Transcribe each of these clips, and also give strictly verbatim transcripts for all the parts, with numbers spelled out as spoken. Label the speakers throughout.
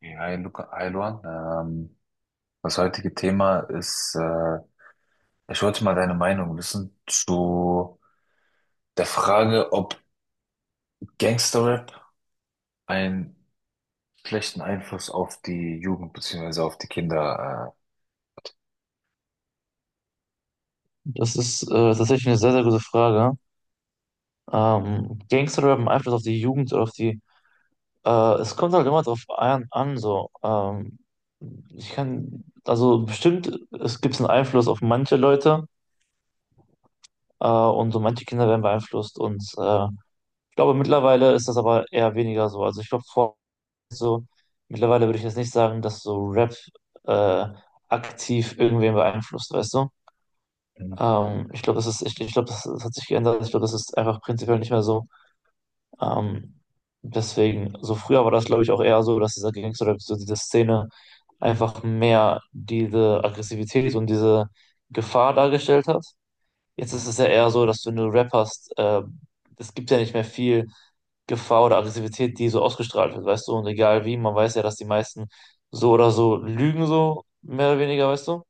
Speaker 1: Hey, hi, Luca, hi Luan. Ähm, das heutige Thema ist, äh, ich wollte mal deine Meinung wissen zu der Frage, ob Gangsterrap einen schlechten Einfluss auf die Jugend beziehungsweise auf die Kinder äh, hat.
Speaker 2: Das ist äh, tatsächlich eine sehr, sehr gute Frage. Ähm, rap im Einfluss auf die Jugend oder auf die. Äh, Es kommt halt immer drauf an, an so. Ähm, ich kann, also bestimmt, es gibt einen Einfluss auf manche Leute äh, und so manche Kinder werden beeinflusst. Und äh, ich glaube, mittlerweile ist das aber eher weniger so. Also ich glaube, vor so, mittlerweile würde ich jetzt nicht sagen, dass so Rap äh, aktiv irgendwen beeinflusst, weißt du?
Speaker 1: Mhm.
Speaker 2: Ähm, ich glaube, das ist, ich, ich glaube, das, das hat sich geändert. Ich glaube, das ist einfach prinzipiell nicht mehr so. Ähm, Deswegen, so früher war das, glaube ich, auch eher so, dass dieser Gangster oder so diese Szene einfach mehr diese Aggressivität und diese Gefahr dargestellt hat. Jetzt
Speaker 1: Mhm.
Speaker 2: ist es ja eher so, dass wenn du Rap hast, äh, es gibt ja nicht mehr viel Gefahr oder Aggressivität, die so ausgestrahlt wird, weißt du? Und egal wie, man weiß ja, dass die meisten so oder so lügen, so mehr oder weniger, weißt du?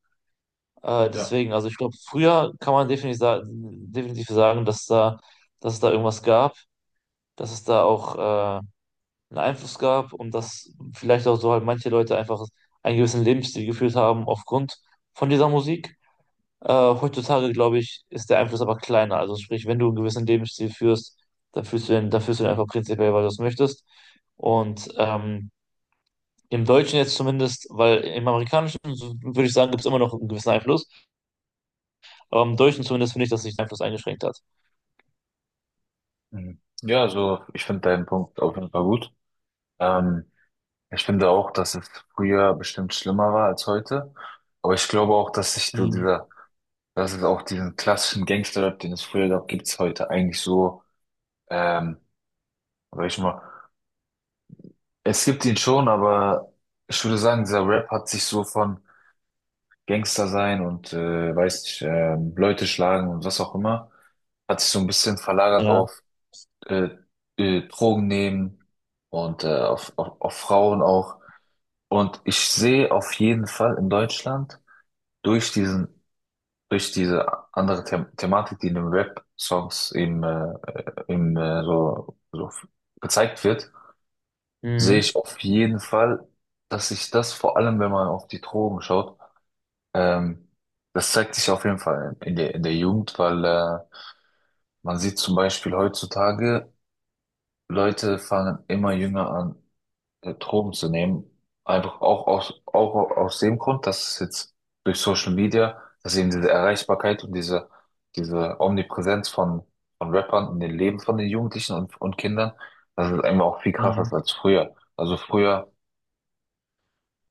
Speaker 2: Äh,
Speaker 1: Ja.
Speaker 2: deswegen, also ich glaube, früher kann man definitiv, sa- definitiv sagen, dass da, dass es da irgendwas gab, dass es da auch äh, einen Einfluss gab und dass vielleicht auch so halt manche Leute einfach einen gewissen Lebensstil geführt haben aufgrund von dieser Musik. Äh, heutzutage, glaube ich, ist der Einfluss aber kleiner. Also sprich, wenn du einen gewissen Lebensstil führst, dann führst du den, dann führst du den einfach prinzipiell, weil du es möchtest. Und ähm, im Deutschen jetzt zumindest, weil im Amerikanischen, so würde ich sagen, gibt es immer noch einen gewissen Einfluss, aber im Deutschen zumindest finde ich, dass sich der Einfluss eingeschränkt hat.
Speaker 1: Mhm. Ja, also ich finde deinen Punkt auf jeden Fall gut. Ähm, Ich finde auch, dass es früher bestimmt schlimmer war als heute. Aber ich glaube auch, dass sich so
Speaker 2: Mhm.
Speaker 1: dieser, dass es auch diesen klassischen Gangsterrap, den es früher gab, gibt es heute eigentlich so. Ähm, Sag ich mal. Es gibt ihn schon, aber ich würde sagen, dieser Rap hat sich so von Gangster sein und, äh, weiß nicht, ähm, Leute schlagen und was auch immer, hat sich so ein bisschen verlagert
Speaker 2: Ja.
Speaker 1: auf äh, äh, Drogen nehmen und, äh, auf, auf, auf Frauen auch. Und ich sehe auf jeden Fall in Deutschland durch diesen, durch diese andere The Thematik, die in den Rap-Songs eben, äh, äh, eben äh, so, so gezeigt wird, sehe
Speaker 2: Mhm.
Speaker 1: ich auf jeden Fall, dass sich das vor allem, wenn man auf die Drogen schaut, ähm, das zeigt sich auf jeden Fall in der, in der Jugend, weil, äh, man sieht zum Beispiel heutzutage, Leute fangen immer jünger an, äh, Drogen zu nehmen. Einfach auch aus, auch aus dem Grund, dass es jetzt durch Social Media, dass eben diese Erreichbarkeit und diese, diese Omnipräsenz von, von Rappern in den Leben von den Jugendlichen und, und Kindern, das ist einfach auch viel krasser
Speaker 2: Mhm.
Speaker 1: als früher. Also früher,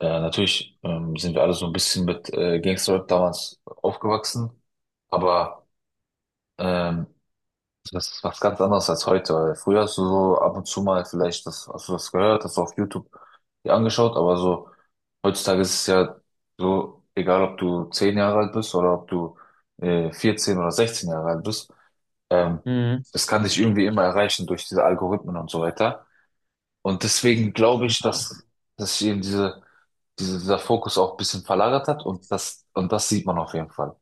Speaker 1: ja, natürlich ähm, sind wir alle so ein bisschen mit äh, Gangster-Rap damals aufgewachsen, aber ähm, das ist was ganz anderes als heute. Weil früher hast du so ab und zu mal vielleicht das, hast du das gehört, hast du auf YouTube dir angeschaut, aber so heutzutage ist es ja so, egal ob du zehn Jahre alt bist oder ob du äh, vierzehn oder sechzehn Jahre alt bist, ähm,
Speaker 2: Mhm.
Speaker 1: das kann dich irgendwie immer erreichen durch diese Algorithmen und so weiter. Und deswegen glaube ich,
Speaker 2: Ja.
Speaker 1: dass, dass ich eben diese diese, dieser Fokus auch ein bisschen verlagert hat, und das, und das sieht man auf jeden Fall.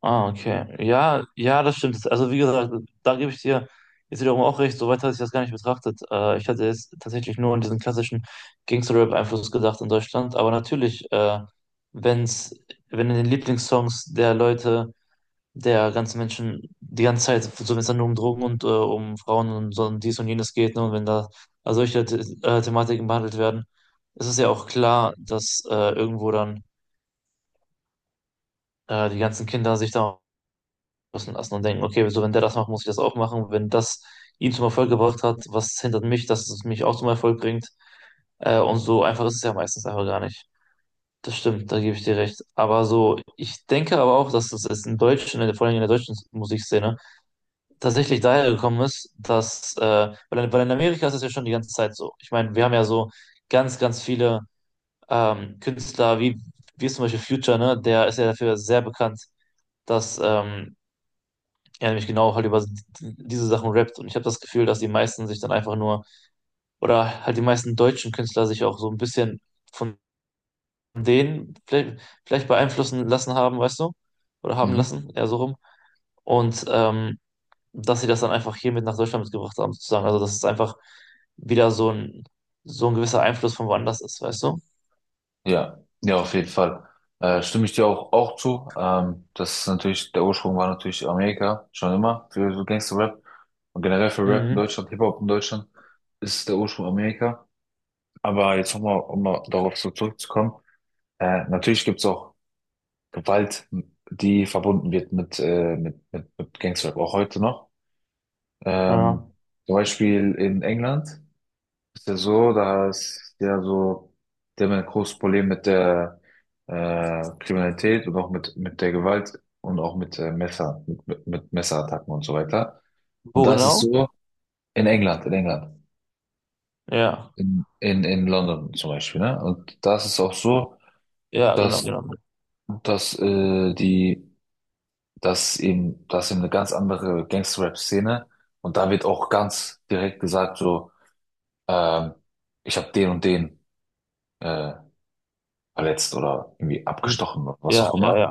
Speaker 2: Ah, okay. Ja, ja, das stimmt. Also wie gesagt, da gebe ich dir jetzt wiederum auch recht, soweit hatte ich das gar nicht betrachtet. Äh, ich hatte jetzt tatsächlich nur an diesen klassischen Gangster-Rap-Einfluss gedacht in Deutschland. Aber natürlich, äh, wenn's, wenn in den Lieblingssongs der Leute, der ganzen Menschen die ganze Zeit, so wenn es dann nur um Drogen und äh, um Frauen und so und dies und jenes geht, ne, und wenn da also solche The äh, Thematiken behandelt werden, ist es ja auch klar, dass äh, irgendwo dann äh, die ganzen Kinder sich da müssen lassen und denken, okay, so wenn der das macht, muss ich das auch machen. Wenn das ihn zum Erfolg gebracht hat, was hindert mich, dass es mich auch zum Erfolg bringt? Äh, und so einfach ist es ja meistens einfach gar nicht. Das stimmt, da gebe ich dir recht. Aber so, ich denke aber auch, dass es in Deutschland, in der- vor allem in der deutschen Musikszene, tatsächlich daher gekommen ist, dass, äh, weil, in- weil in Amerika ist es ja schon die ganze Zeit so. Ich meine, wir haben ja so ganz, ganz viele ähm, Künstler, wie, wie zum Beispiel Future, ne? Der ist ja dafür sehr bekannt, dass ähm, ja, nämlich genau halt über diese Sachen rappt. Und ich habe das Gefühl, dass die meisten sich dann einfach nur, oder halt die meisten deutschen Künstler sich auch so ein bisschen von denen vielleicht, vielleicht beeinflussen lassen haben, weißt du? Oder haben
Speaker 1: Mhm.
Speaker 2: lassen, eher so rum. Und ähm, dass sie das dann einfach hier mit nach Deutschland mitgebracht haben, sozusagen. Also, dass es einfach wieder so ein, so ein gewisser Einfluss von woanders ist, weißt du?
Speaker 1: Ja, ja, auf jeden Fall. Äh, stimme ich dir auch, auch zu. Ähm, das ist natürlich, der Ursprung war natürlich Amerika, schon immer, für so Gangster-Rap. Und generell für Rap in
Speaker 2: Mhm.
Speaker 1: Deutschland, Hip-Hop in Deutschland, ist der Ursprung Amerika. Aber jetzt nochmal, um mal darauf so zurückzukommen. Äh, natürlich gibt's auch Gewalt, die verbunden wird mit, äh, mit, mit, mit Gangsterrap, auch heute noch.
Speaker 2: Ja.
Speaker 1: Ähm, Zum Beispiel in England ist ja so, da ist ja so, die haben ja ein großes Problem mit der, äh, Kriminalität und auch mit, mit der Gewalt und auch mit, äh, Messer, mit, mit, mit Messerattacken und so weiter. Und
Speaker 2: Wo
Speaker 1: das ist
Speaker 2: genau?
Speaker 1: so in England, in England,
Speaker 2: Ja,
Speaker 1: in, in, in London zum Beispiel, ne? Und das ist auch so,
Speaker 2: ja, genau,
Speaker 1: dass,
Speaker 2: genau.
Speaker 1: dass, äh, die dass eben, das eben eine ganz andere Gangster-Rap-Szene, und da wird auch ganz direkt gesagt so, ähm, ich habe den und den, äh, verletzt oder irgendwie abgestochen oder was
Speaker 2: Ja,
Speaker 1: auch
Speaker 2: ja,
Speaker 1: immer.
Speaker 2: ja,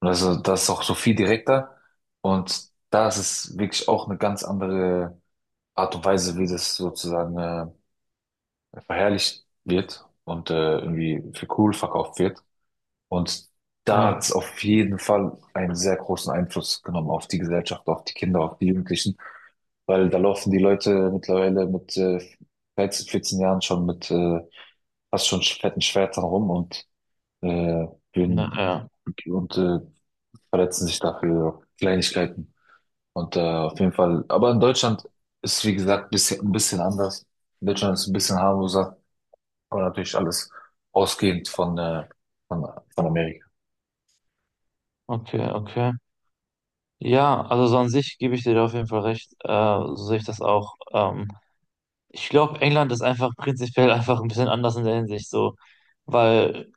Speaker 1: Und also das ist auch so viel direkter und da ist es wirklich auch eine ganz andere Art und Weise, wie das sozusagen, äh, verherrlicht wird und, äh, irgendwie für cool verkauft wird. Und da hat
Speaker 2: ja,
Speaker 1: es auf jeden Fall einen sehr großen Einfluss genommen auf die Gesellschaft, auf die Kinder, auf die Jugendlichen. Weil da laufen die Leute mittlerweile mit, äh, dreizehn, vierzehn Jahren schon mit, äh, fast schon fetten Schwertern rum und, äh,
Speaker 2: ja,
Speaker 1: würden,
Speaker 2: ja.
Speaker 1: und äh, verletzen sich dafür Kleinigkeiten. Und, äh, auf jeden Fall, aber in Deutschland ist, wie gesagt, bisschen, ein bisschen anders. In Deutschland ist ein bisschen harmloser, aber natürlich alles ausgehend von, äh, von, von Amerika.
Speaker 2: Okay, okay. Ja, also so an sich gebe ich dir da auf jeden Fall recht. Äh, so sehe ich das auch. Ähm, ich glaube, England ist einfach prinzipiell einfach ein bisschen anders in der Hinsicht so, weil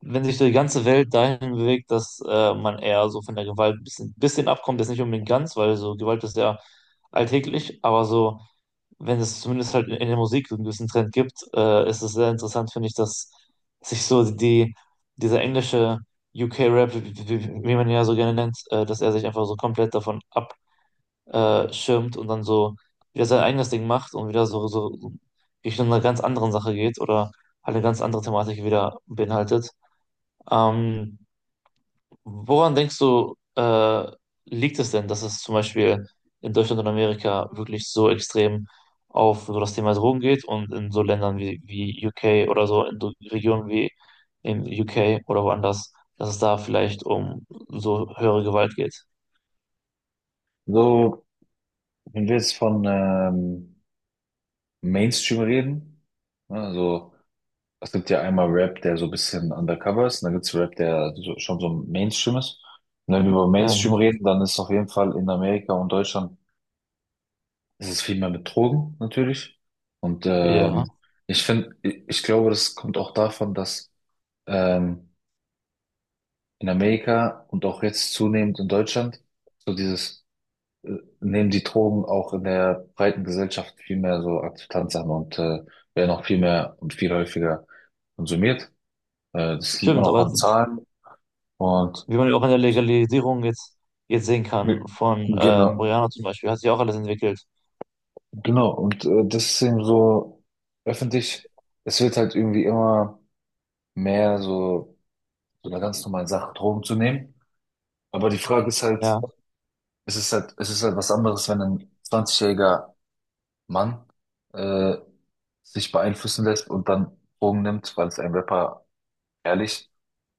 Speaker 2: wenn sich so die ganze Welt dahin bewegt, dass äh, man eher so von der Gewalt ein bisschen, bisschen abkommt, jetzt nicht unbedingt ganz, weil so Gewalt ist ja alltäglich, aber so, wenn es zumindest halt in, in der Musik so einen gewissen Trend gibt, äh, ist es sehr interessant, finde ich, dass sich so die, dieser englische U K-Rap, wie, wie, wie man ihn ja so gerne nennt, äh, dass er sich einfach so komplett davon ab äh, schirmt und dann so wieder sein eigenes Ding macht und wieder so, so so Richtung einer ganz anderen Sache geht oder halt eine ganz andere Thematik wieder beinhaltet. Ähm, Woran denkst du, äh, liegt es denn, dass es zum Beispiel in Deutschland und Amerika wirklich so extrem auf so das Thema Drogen geht und in so Ländern wie, wie U K oder so, in so Regionen wie in U K oder woanders, dass es da vielleicht um so höhere Gewalt geht?
Speaker 1: So, wenn wir jetzt von ähm, Mainstream reden, also es gibt ja einmal Rap, der so ein bisschen undercover ist, und dann gibt's Rap, der so, schon so Mainstream ist. Und wenn wir über Mainstream
Speaker 2: Ja,
Speaker 1: reden, dann ist auf jeden Fall in Amerika und Deutschland ist es viel mehr mit Drogen natürlich. Und
Speaker 2: ja.
Speaker 1: ähm, ich finde, ich, ich glaube, das kommt auch davon, dass ähm, in Amerika und auch jetzt zunehmend in Deutschland so dieses, äh, nehmen die Drogen auch in der breiten Gesellschaft viel mehr so Akzeptanz an und, äh, werden auch viel mehr und viel häufiger konsumiert. Äh, Das sieht man
Speaker 2: Stimmt,
Speaker 1: auch
Speaker 2: aber
Speaker 1: an Zahlen. Und,
Speaker 2: wie man ja auch in der Legalisierung jetzt, jetzt sehen
Speaker 1: äh,
Speaker 2: kann, von ähm,
Speaker 1: genau,
Speaker 2: Marihuana zum Beispiel, hat sich auch alles entwickelt.
Speaker 1: genau. Und, äh, das ist eben so öffentlich, es wird halt irgendwie immer mehr so, so eine ganz normale Sache, Drogen zu nehmen. Aber die Frage ist halt,
Speaker 2: Ja.
Speaker 1: es ist halt, es ist halt was anderes, wenn ein zwanzigjähriger jähriger Mann, äh, sich beeinflussen lässt und dann Drogen nimmt, weil es ein Rapper ehrlich.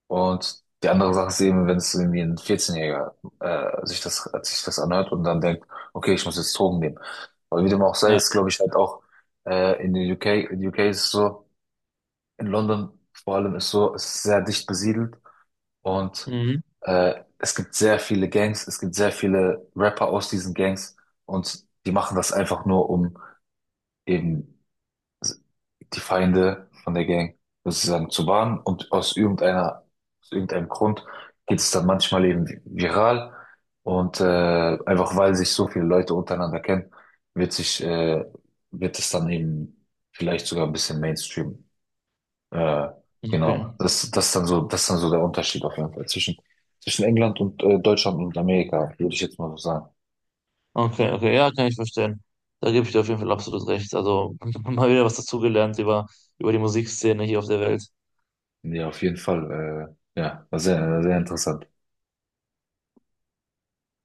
Speaker 1: Und die andere Sache ist eben, wenn es irgendwie ein vierzehnjähriger-Jähriger, äh, sich das, äh, sich das anhört und dann denkt, okay, ich muss jetzt Drogen nehmen. Aber wie dem auch sei,
Speaker 2: Ja.
Speaker 1: ist, glaube ich, halt auch, äh, in den U K, in den U K ist es so, in London vor allem ist so, es ist sehr dicht besiedelt und,
Speaker 2: Mhm.
Speaker 1: äh, es gibt sehr viele Gangs, es gibt sehr viele Rapper aus diesen Gangs und die machen das einfach nur, um eben also die Feinde von der Gang sozusagen zu warnen und aus irgendeiner, aus irgendeinem Grund geht es dann manchmal eben viral und, äh, einfach weil sich so viele Leute untereinander kennen, wird sich, äh, wird es dann eben vielleicht sogar ein bisschen Mainstream. Äh,
Speaker 2: Okay.
Speaker 1: genau. Das, das ist dann so, das ist dann so der Unterschied auf jeden Fall zwischen, zwischen England und, äh, Deutschland und Amerika, würde ich jetzt mal so sagen.
Speaker 2: Okay, okay, ja, kann ich verstehen. Da gebe ich dir auf jeden Fall absolut recht. Also mal wieder was dazugelernt über, über die Musikszene hier auf der Welt.
Speaker 1: Ja, auf jeden Fall. Äh, ja, war sehr, sehr interessant.